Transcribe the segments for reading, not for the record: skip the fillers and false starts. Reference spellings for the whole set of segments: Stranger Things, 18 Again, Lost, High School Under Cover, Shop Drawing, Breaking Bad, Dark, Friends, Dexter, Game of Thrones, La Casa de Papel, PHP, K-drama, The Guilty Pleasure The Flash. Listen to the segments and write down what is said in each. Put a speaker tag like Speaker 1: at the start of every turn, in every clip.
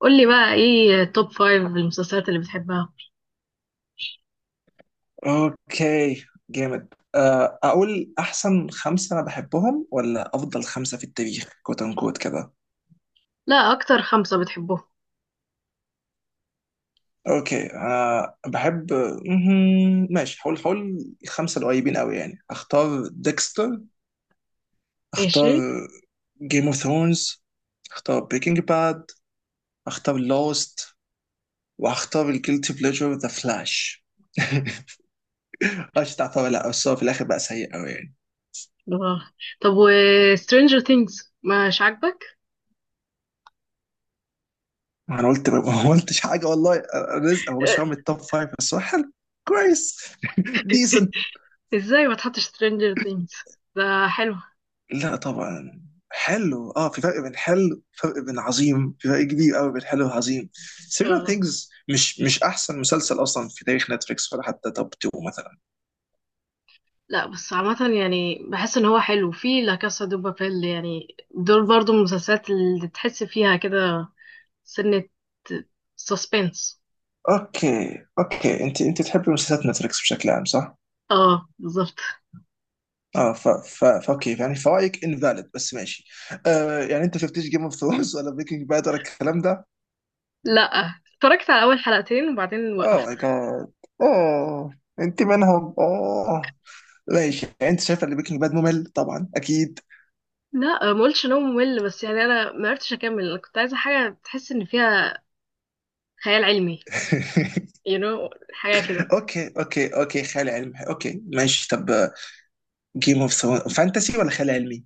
Speaker 1: قولي بقى ايه توب فايف المسلسلات اللي بتحبها؟
Speaker 2: اوكي جامد. اقول احسن خمسه انا بحبهم ولا افضل خمسه في التاريخ كوت ان كوت كده.
Speaker 1: لا، اكتر خمسة بتحبهم.
Speaker 2: اوكي انا بحب. مهم. ماشي حول حول خمسه القريبين قوي يعني اختار ديكستر. اختار
Speaker 1: ماشي.
Speaker 2: جيم اوف ثرونز. اختار بريكنج باد. اختار لوست. واختار الجيلتي بليجر ذا فلاش. مش تعتبر لا بس هو في الاخر بقى سيء قوي يعني.
Speaker 1: آه. طب، و Stranger Things مش عاجبك؟
Speaker 2: ما انا قلت ما قلتش حاجه والله. رزق هو مش فاهم التوب فايف بس هو حلو. كويس. ديسنت.
Speaker 1: ازاي ما تحطش Stranger Things؟ ده حلو.
Speaker 2: لا طبعا. حلو. اه في فرق بين حلو، فرق بين عظيم، في فرق كبير قوي بين حلو وعظيم. سيريال
Speaker 1: آه.
Speaker 2: ثينجز مش احسن مسلسل اصلا في تاريخ نتفليكس ولا حتى توب 2 مثلا.
Speaker 1: لا، بس عامة يعني بحس ان هو حلو. في لا كاسا دو بابيل، يعني دول برضو من المسلسلات اللي تحس فيها كده سنة سسبنس.
Speaker 2: اوكي اوكي، انت تحبي مسلسلات نتفليكس بشكل عام صح؟
Speaker 1: اه بالظبط.
Speaker 2: اه ف ف فاوكي يعني فرايك انفاليد بس ماشي. آه، يعني انت شفتيش جيم اوف ثرونز ولا بريكنج باد ولا الكلام ده؟
Speaker 1: لا، اتفرجت على اول حلقتين وبعدين
Speaker 2: اوه
Speaker 1: وقفت.
Speaker 2: ماي جاد. اوه انت منهم، اوه. ماشي يعني انت شايفه ان بريكنج باد ممل طبعا اكيد.
Speaker 1: لا، ما قلتش ان هو ممل، بس يعني انا ما عرفتش اكمل. انا كنت عايزه حاجه تحس ان فيها خيال علمي، حاجه كده.
Speaker 2: اوكي اوكي اوكي، خيال علمي، اوكي ماشي. طب جيم اوف ثرونز فانتسي ولا خيال علمي؟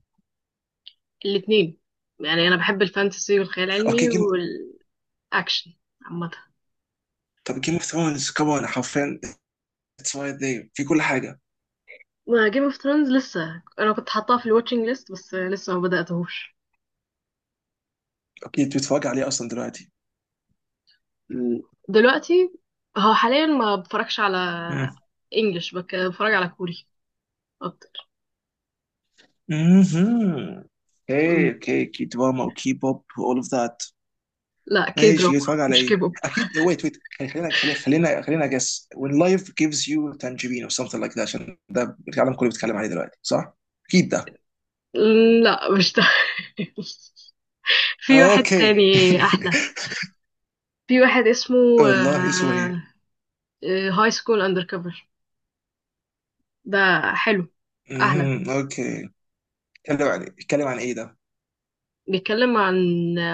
Speaker 1: الاتنين، يعني انا بحب الفانتسي والخيال
Speaker 2: اوكي
Speaker 1: العلمي
Speaker 2: جيم.
Speaker 1: والاكشن عامه.
Speaker 2: طب جيم اوف ثرونز كمان حرفيا اتس رايت ذير في كل حاجه.
Speaker 1: ما جيم اوف ثرونز لسه، انا كنت حاطاه في الواتشنج ليست بس لسه ما بداتهوش.
Speaker 2: اوكي انت بتتفرج عليه اصلا دلوقتي.
Speaker 1: م. دلوقتي. هو حاليا ما بتفرجش على
Speaker 2: مم.
Speaker 1: انجلش، بتفرج على كوري اكتر.
Speaker 2: مهم.
Speaker 1: م.
Speaker 2: اوكي اوكي، كي دراما وكي بوب واول اوف ذات.
Speaker 1: لا، كي دراما.
Speaker 2: ماشي يتفرج على
Speaker 1: مش
Speaker 2: ايه؟
Speaker 1: كيبوب.
Speaker 2: اكيد، ويت ويت، خلينا خلينا خلينا خلينا جس when life gives you tangerine or something like that عشان ده العالم كله بيتكلم عليه دلوقتي صح؟ اكيد ده.
Speaker 1: لا، مش ده. في واحد
Speaker 2: اوكي.
Speaker 1: تاني احلى. في واحد اسمه
Speaker 2: والله اسمه ايه؟
Speaker 1: هاي سكول اندر كفر. ده حلو، احلى.
Speaker 2: مهم. اوكي. اتكلم عن ايه ده؟
Speaker 1: بيتكلم عن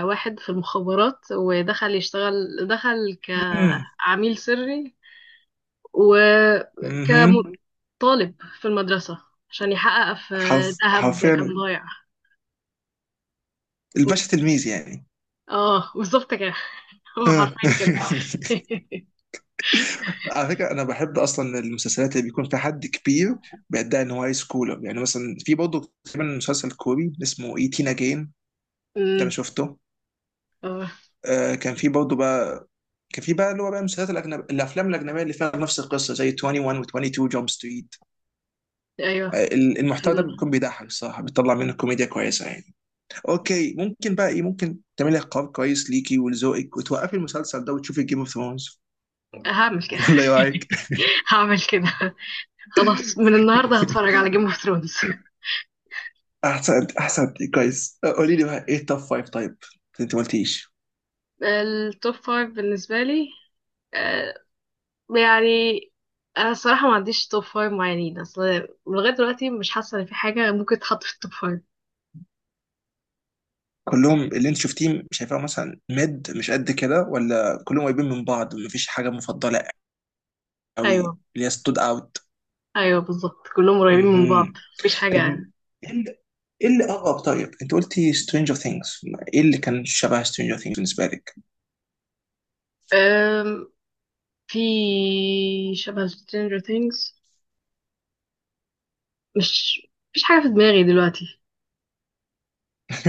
Speaker 1: واحد في المخابرات، ودخل يشتغل، دخل
Speaker 2: مهم.
Speaker 1: كعميل سري
Speaker 2: مهم.
Speaker 1: وكطالب في المدرسة عشان يحقق في ذهب كان
Speaker 2: حرفيا
Speaker 1: ضايع. قول.
Speaker 2: الباشا تلميذ يعني.
Speaker 1: اه بالظبط كده. هو
Speaker 2: آه.
Speaker 1: حرفيا كده.
Speaker 2: على فكره انا بحب اصلا المسلسلات اللي بيكون فيها حد كبير بيدعي ان هو هاي سكولر، يعني مثلا في برضه تقريبا مسلسل كوري اسمه 18 اجين. ده انا
Speaker 1: أمم،
Speaker 2: شفته.
Speaker 1: اه
Speaker 2: آه، كان في برضه بقى، كان في بقى اللي هو بقى المسلسلات الاجنبيه، الافلام الاجنبيه اللي فيها نفس القصه زي 21 و22 جامب ستريت.
Speaker 1: ايوه.
Speaker 2: آه، المحتوى
Speaker 1: حلو
Speaker 2: ده
Speaker 1: ده.
Speaker 2: بيكون بيضحك الصراحه، بيطلع منه كوميديا كويسه يعني. اوكي، ممكن بقى ايه ممكن تعملي قرار كويس ليكي ولذوقك وتوقفي المسلسل ده وتشوفي جيم اوف ثرونز؟
Speaker 1: هعمل كده.
Speaker 2: ولا ايه رايك؟
Speaker 1: هعمل كده. خلاص، من النهارده هتفرج على جيم اوف ثرونز.
Speaker 2: احسن احسن. كويس، قولي لي بقى ايه التوب فايف طيب؟ انت ما قلتيش.
Speaker 1: التوب فايف بالنسبه لي، آه، يعني انا الصراحه ما عنديش توب فايف معينين اصل. لغايه دلوقتي مش حاسه ان في حاجه ممكن تتحط في التوب فايف.
Speaker 2: كلهم اللي انت شفتيه شايفاه مثلا ميد مش قد كده ولا كلهم قريبين من بعض مفيش حاجه مفضله قوي
Speaker 1: ايوه،
Speaker 2: اللي هي ستود اوت؟
Speaker 1: ايوه بالظبط، كلهم قريبين من بعض،
Speaker 2: امم.
Speaker 1: مفيش
Speaker 2: طب
Speaker 1: حاجه.
Speaker 2: ايه اللي، اغرب طيب؟ انت قلتي سترينجر ثينجز، ايه اللي كان شبه سترينجر ثينجز بالنسبه لك؟
Speaker 1: أم في شبه Stranger Things، مش مش حاجه في دماغي دلوقتي.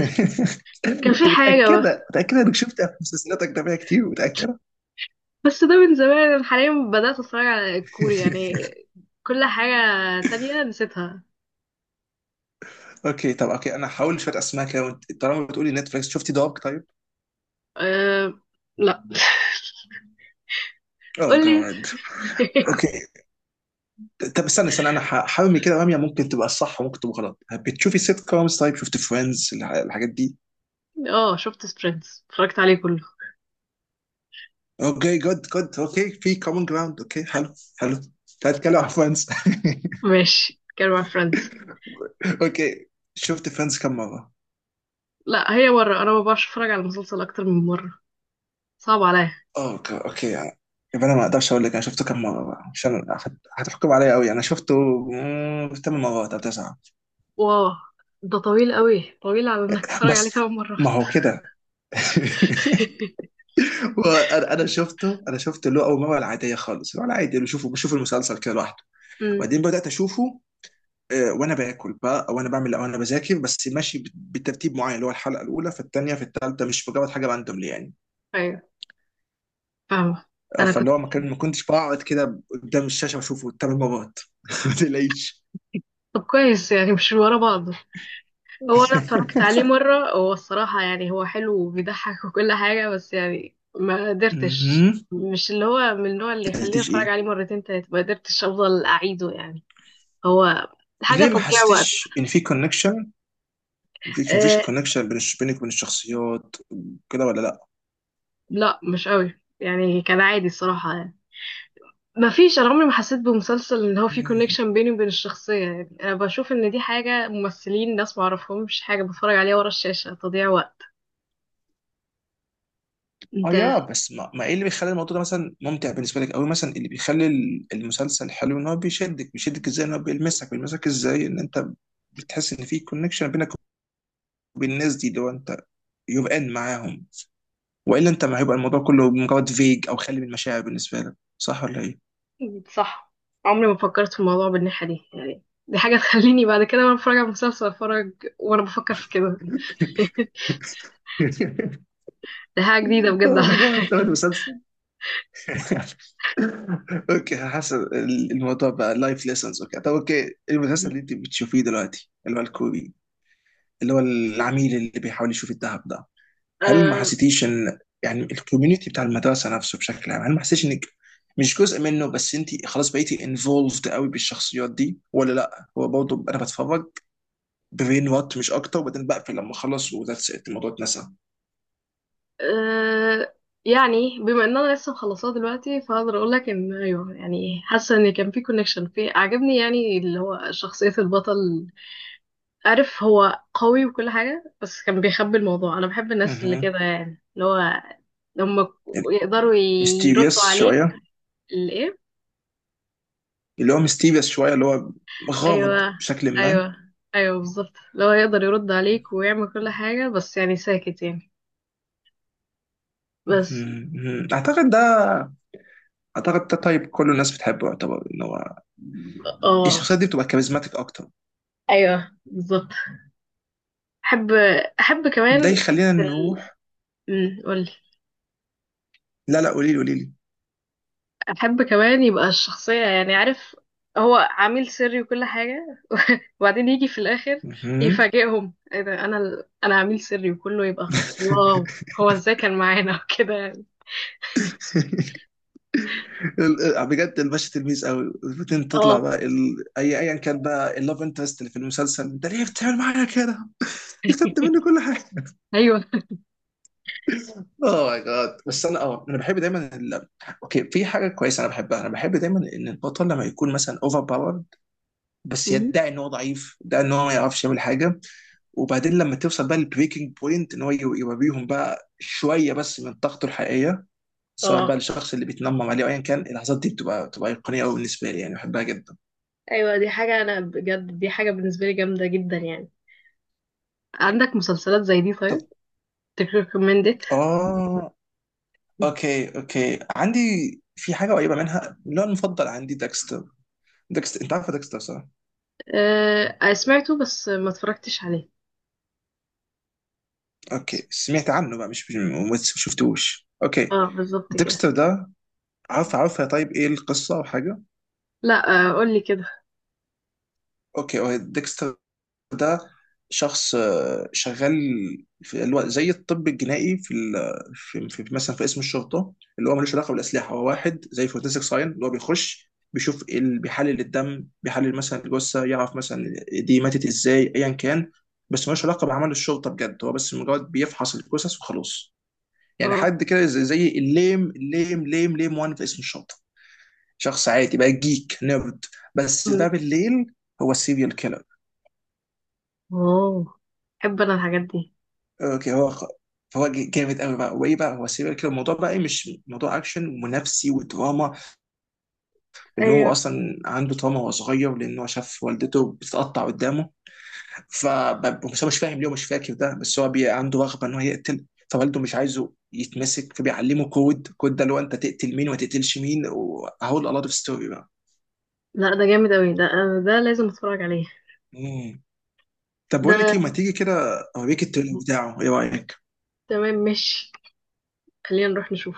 Speaker 1: بس كان في
Speaker 2: انت
Speaker 1: حاجه، بس
Speaker 2: متاكده متاكده انك شفتها في مسلسلات اجنبيه كتير، متاكده؟
Speaker 1: بس ده من زمان. أنا حاليا بدات اتفرج على الكوري يعني كل حاجه تانية نسيتها.
Speaker 2: اوكي طب، اوكي انا هحاول شويه اسماء كده، وانت طالما بتقولي نتفلكس، شفتي دارك طيب؟
Speaker 1: أه... لا،
Speaker 2: اه
Speaker 1: قول لي.
Speaker 2: جامد. اوكي، طب استنى استنى، انا هرمي كده رميه ممكن تبقى صح وممكن تبقى غلط. بتشوفي سيت كومز؟ طيب، شفت فريندز الحاجات دي؟
Speaker 1: اه، شفت فريندز، اتفرجت عليه كله.
Speaker 2: اوكي جود جود، اوكي في كومن جراوند، اوكي حلو حلو. تعال نتكلم عن فريندز.
Speaker 1: ماشي، كان مع فريندز.
Speaker 2: اوكي. شفت فريندز كم مره؟
Speaker 1: لا، هي مرة. انا ما بعرفش اتفرج على مسلسل اكتر من مرة، صعب عليا.
Speaker 2: اوكي اوكي، يعني يبقى انا ما اقدرش اقول لك انا شفته كم مره بقى عشان هتحكم عليا قوي. انا شفته مم، ثمان مرات او تسعه.
Speaker 1: واو. ده طويل قوي، طويل على انك تتفرج عليه
Speaker 2: بس
Speaker 1: كمان مرة.
Speaker 2: ما هو كده. وانا انا شفته انا شفته اللي هو اول مره العاديه خالص اللي هو العادي اللي بشوف المسلسل كده لوحده.
Speaker 1: امم،
Speaker 2: وبعدين بدات اشوفه وانا باكل بقى، او انا بعمل، او انا بذاكر، بس ماشي بترتيب معين اللي هو الحلقه الاولى في الثانيه في الثالثه، مش مجرد حاجه راندوملي يعني.
Speaker 1: ايوه فاهمة. انا
Speaker 2: فاللي
Speaker 1: كنت.
Speaker 2: هو ما كنتش بقعد كده قدام الشاشه بشوفه ثمان مرات. ما تقلقيش.
Speaker 1: طب كويس يعني مش ورا بعض. هو انا اتفرجت عليه مره، هو الصراحه يعني هو حلو وبيضحك وكل حاجه، بس يعني ما قدرتش،
Speaker 2: مهم.
Speaker 1: مش اللي هو من النوع اللي
Speaker 2: ما
Speaker 1: يخليني
Speaker 2: حسيتيش
Speaker 1: اتفرج
Speaker 2: ايه؟
Speaker 1: عليه مرتين تلاته، ما قدرتش افضل اعيده يعني. هو حاجه
Speaker 2: ليه ما
Speaker 1: تضييع وقت.
Speaker 2: حسيتيش ان في كونكشن؟ مفيش
Speaker 1: أه.
Speaker 2: كونكشن بين بينك وبين الشخصيات كده ولا؟
Speaker 1: لا، مش قوي يعني، كان عادي الصراحه يعني. ما فيش، انا عمري ما حسيت بمسلسل ان هو في
Speaker 2: لا؟
Speaker 1: كونكشن بيني وبين الشخصيه، يعني انا بشوف ان دي حاجه ممثلين، ناس ما اعرفهمش، حاجه بتفرج عليها ورا الشاشه، تضييع وقت. انت.
Speaker 2: اه يا بس ما ايه اللي بيخلي الموضوع ده مثلا ممتع بالنسبه لك قوي، مثلا اللي بيخلي المسلسل حلو ان هو بيشدك ازاي، ان هو بيلمسك ازاي، ان انت بتحس ان في كونكشن بينك وبين الناس دي اللي هو انت يبقى ان معاهم، والا انت ما هيبقى الموضوع كله مجرد فيج او خالي من المشاعر بالنسبه لك؟ صح ولا ايه؟
Speaker 1: صح، عمري ما فكرت في الموضوع بالناحية دي يعني. دي حاجة تخليني بعد كده وانا بتفرج على المسلسل اتفرج وانا بفكر في كده. دي حاجة جديدة بجد
Speaker 2: اوه
Speaker 1: على.
Speaker 2: ماي جاد، ده مسلسل. اوكي حسن الموضوع بقى لايف ليسنز. اوكي طب، اوكي المسلسل اللي انت بتشوفيه دلوقتي اللي هو الكوري، اللي هو العميل اللي بيحاول يشوف الذهب ده، هل ما
Speaker 1: آه
Speaker 2: حسيتيش ان يعني الكوميونتي بتاع المدرسه نفسه بشكل عام، هل ما حسيتيش انك مش جزء منه بس انت خلاص بقيتي انفولفد قوي بالشخصيات دي، ولا لا، هو برضه انا بتفرج برين وات مش اكتر وبعدين بقفل لما اخلص وذاتس ات، الموضوع اتنسى؟
Speaker 1: آه يعني بما ان انا لسه مخلصاه دلوقتي فاقدر اقول لك ان ايوه يعني حاسه ان كان في كونكشن، في عجبني يعني اللي هو شخصيه البطل. عارف هو قوي وكل حاجه بس كان بيخبي الموضوع. انا بحب الناس اللي
Speaker 2: اها،
Speaker 1: كده، يعني اللي هو لما
Speaker 2: يعني
Speaker 1: يقدروا يردوا
Speaker 2: ميستيريس
Speaker 1: عليك.
Speaker 2: شويه،
Speaker 1: الايه.
Speaker 2: اللي هو ميستيريس شويه، اللي هو غامض
Speaker 1: ايوه،
Speaker 2: بشكل ما.
Speaker 1: ايوه، ايوه بالظبط، لو هيقدر يرد عليك ويعمل كل حاجه بس يعني ساكت يعني. بس.
Speaker 2: مهم. مهم. اعتقد ده، طيب كل الناس بتحبه، يعتبر ان هو
Speaker 1: اه،
Speaker 2: الشخصيات دي بتبقى كاريزماتيك اكتر.
Speaker 1: ايوه بالظبط. احب احب
Speaker 2: ده
Speaker 1: كمان
Speaker 2: يخلينا
Speaker 1: ال...
Speaker 2: نروح.
Speaker 1: قولي.
Speaker 2: لا لا، قولي لي قولي لي.
Speaker 1: احب كمان يبقى الشخصيه يعني عارف، هو عميل سري وكل حاجه. وبعدين يجي في الاخر
Speaker 2: مهم.
Speaker 1: يفاجئهم ايه ده. انا عميل سري وكله يبقى واو. هو ازاي كان معانا كده يعني.
Speaker 2: بجد الباشا تلميذ قوي وبعدين تطلع
Speaker 1: اه
Speaker 2: بقى ايا كان بقى اللاف انترست اللي في المسلسل. انت ليه بتعمل معايا كده؟ خدت مني كل حاجه.
Speaker 1: ايوه.
Speaker 2: اوه ماي جاد. بس انا انا بحب دايما اوكي في حاجه كويسه انا بحبها، انا بحب دايما ان البطل لما يكون مثلا اوفر باور بس
Speaker 1: أمم،
Speaker 2: يدعي ان هو ضعيف، يدعي ان هو ما يعرفش يعمل حاجه، وبعدين لما توصل بقى للبريكنج بوينت ان هو يوريهم بقى شويه بس من طاقته الحقيقيه، سواء بقى
Speaker 1: اه
Speaker 2: للشخص اللي بيتنمم عليه او ايا كان. اللحظات دي بتبقى ايقونيه قوي بالنسبه لي، يعني بحبها جدا.
Speaker 1: ايوه دي حاجه انا بجد، دي حاجه بالنسبه لي جامده جدا يعني. عندك مسلسلات زي دي
Speaker 2: طب
Speaker 1: طيب؟ تريكومندد؟
Speaker 2: اه اوكي اوكي، عندي في حاجه قريبه منها اللي هو المفضل عندي، داكستر. داكستر، انت عارف داكستر صح؟
Speaker 1: أه، سمعته بس ما اتفرجتش عليه.
Speaker 2: اوكي سمعت عنه بقى، ما شفتوش، اوكي.
Speaker 1: اه بالظبط كده.
Speaker 2: ديكستر ده عارف عارف، طيب ايه القصه او حاجه؟
Speaker 1: لا، قولي كده.
Speaker 2: اوكي، هو ديكستر ده شخص شغال في زي الطب الجنائي في مثلا في اسم الشرطه، اللي هو ملوش علاقه بالاسلحه، هو واحد زي فورنسيك ساين اللي هو بيخش بيشوف بيحلل الدم، بيحلل مثلا الجثه يعرف مثلا دي ماتت ازاي ايا كان، بس ملوش علاقه بعمل الشرطه بجد، هو بس مجرد بيفحص الجثث وخلاص. يعني
Speaker 1: اه.
Speaker 2: حد كده زي الليم الليم ليم ليم وان في اسم الشرطه، شخص عادي بقى جيك نيرد. بس ده
Speaker 1: أمم.
Speaker 2: بالليل هو السيريال كيلر.
Speaker 1: اوه، بحب انا الحاجات دي.
Speaker 2: اوكي، هو خ- هو ج- جامد قوي بقى. وايه بقى، هو سيريال كده، الموضوع بقى ايه، مش موضوع اكشن ونفسي ودراما، لان هو
Speaker 1: ايوه.
Speaker 2: اصلا عنده تراما وهو صغير، لان هو شاف والدته بتتقطع قدامه. بس هو مش فاهم ليه ومش فاكر ده، بس هو عنده رغبه ان هو يقتل. فوالده مش عايزه يتمسك، فبيعلمه كود، كود ده اللي هو انت تقتل مين وما تقتلش مين. وهقول a lot of story بقى.
Speaker 1: لا، ده جامد اوي، ده ده لازم اتفرج عليه.
Speaker 2: مم. طب بقول
Speaker 1: ده
Speaker 2: لك ايه، ما تيجي كده اوريك التريلر بتاعه، ايه رايك؟
Speaker 1: تمام، ماشي، خلينا نروح نشوف.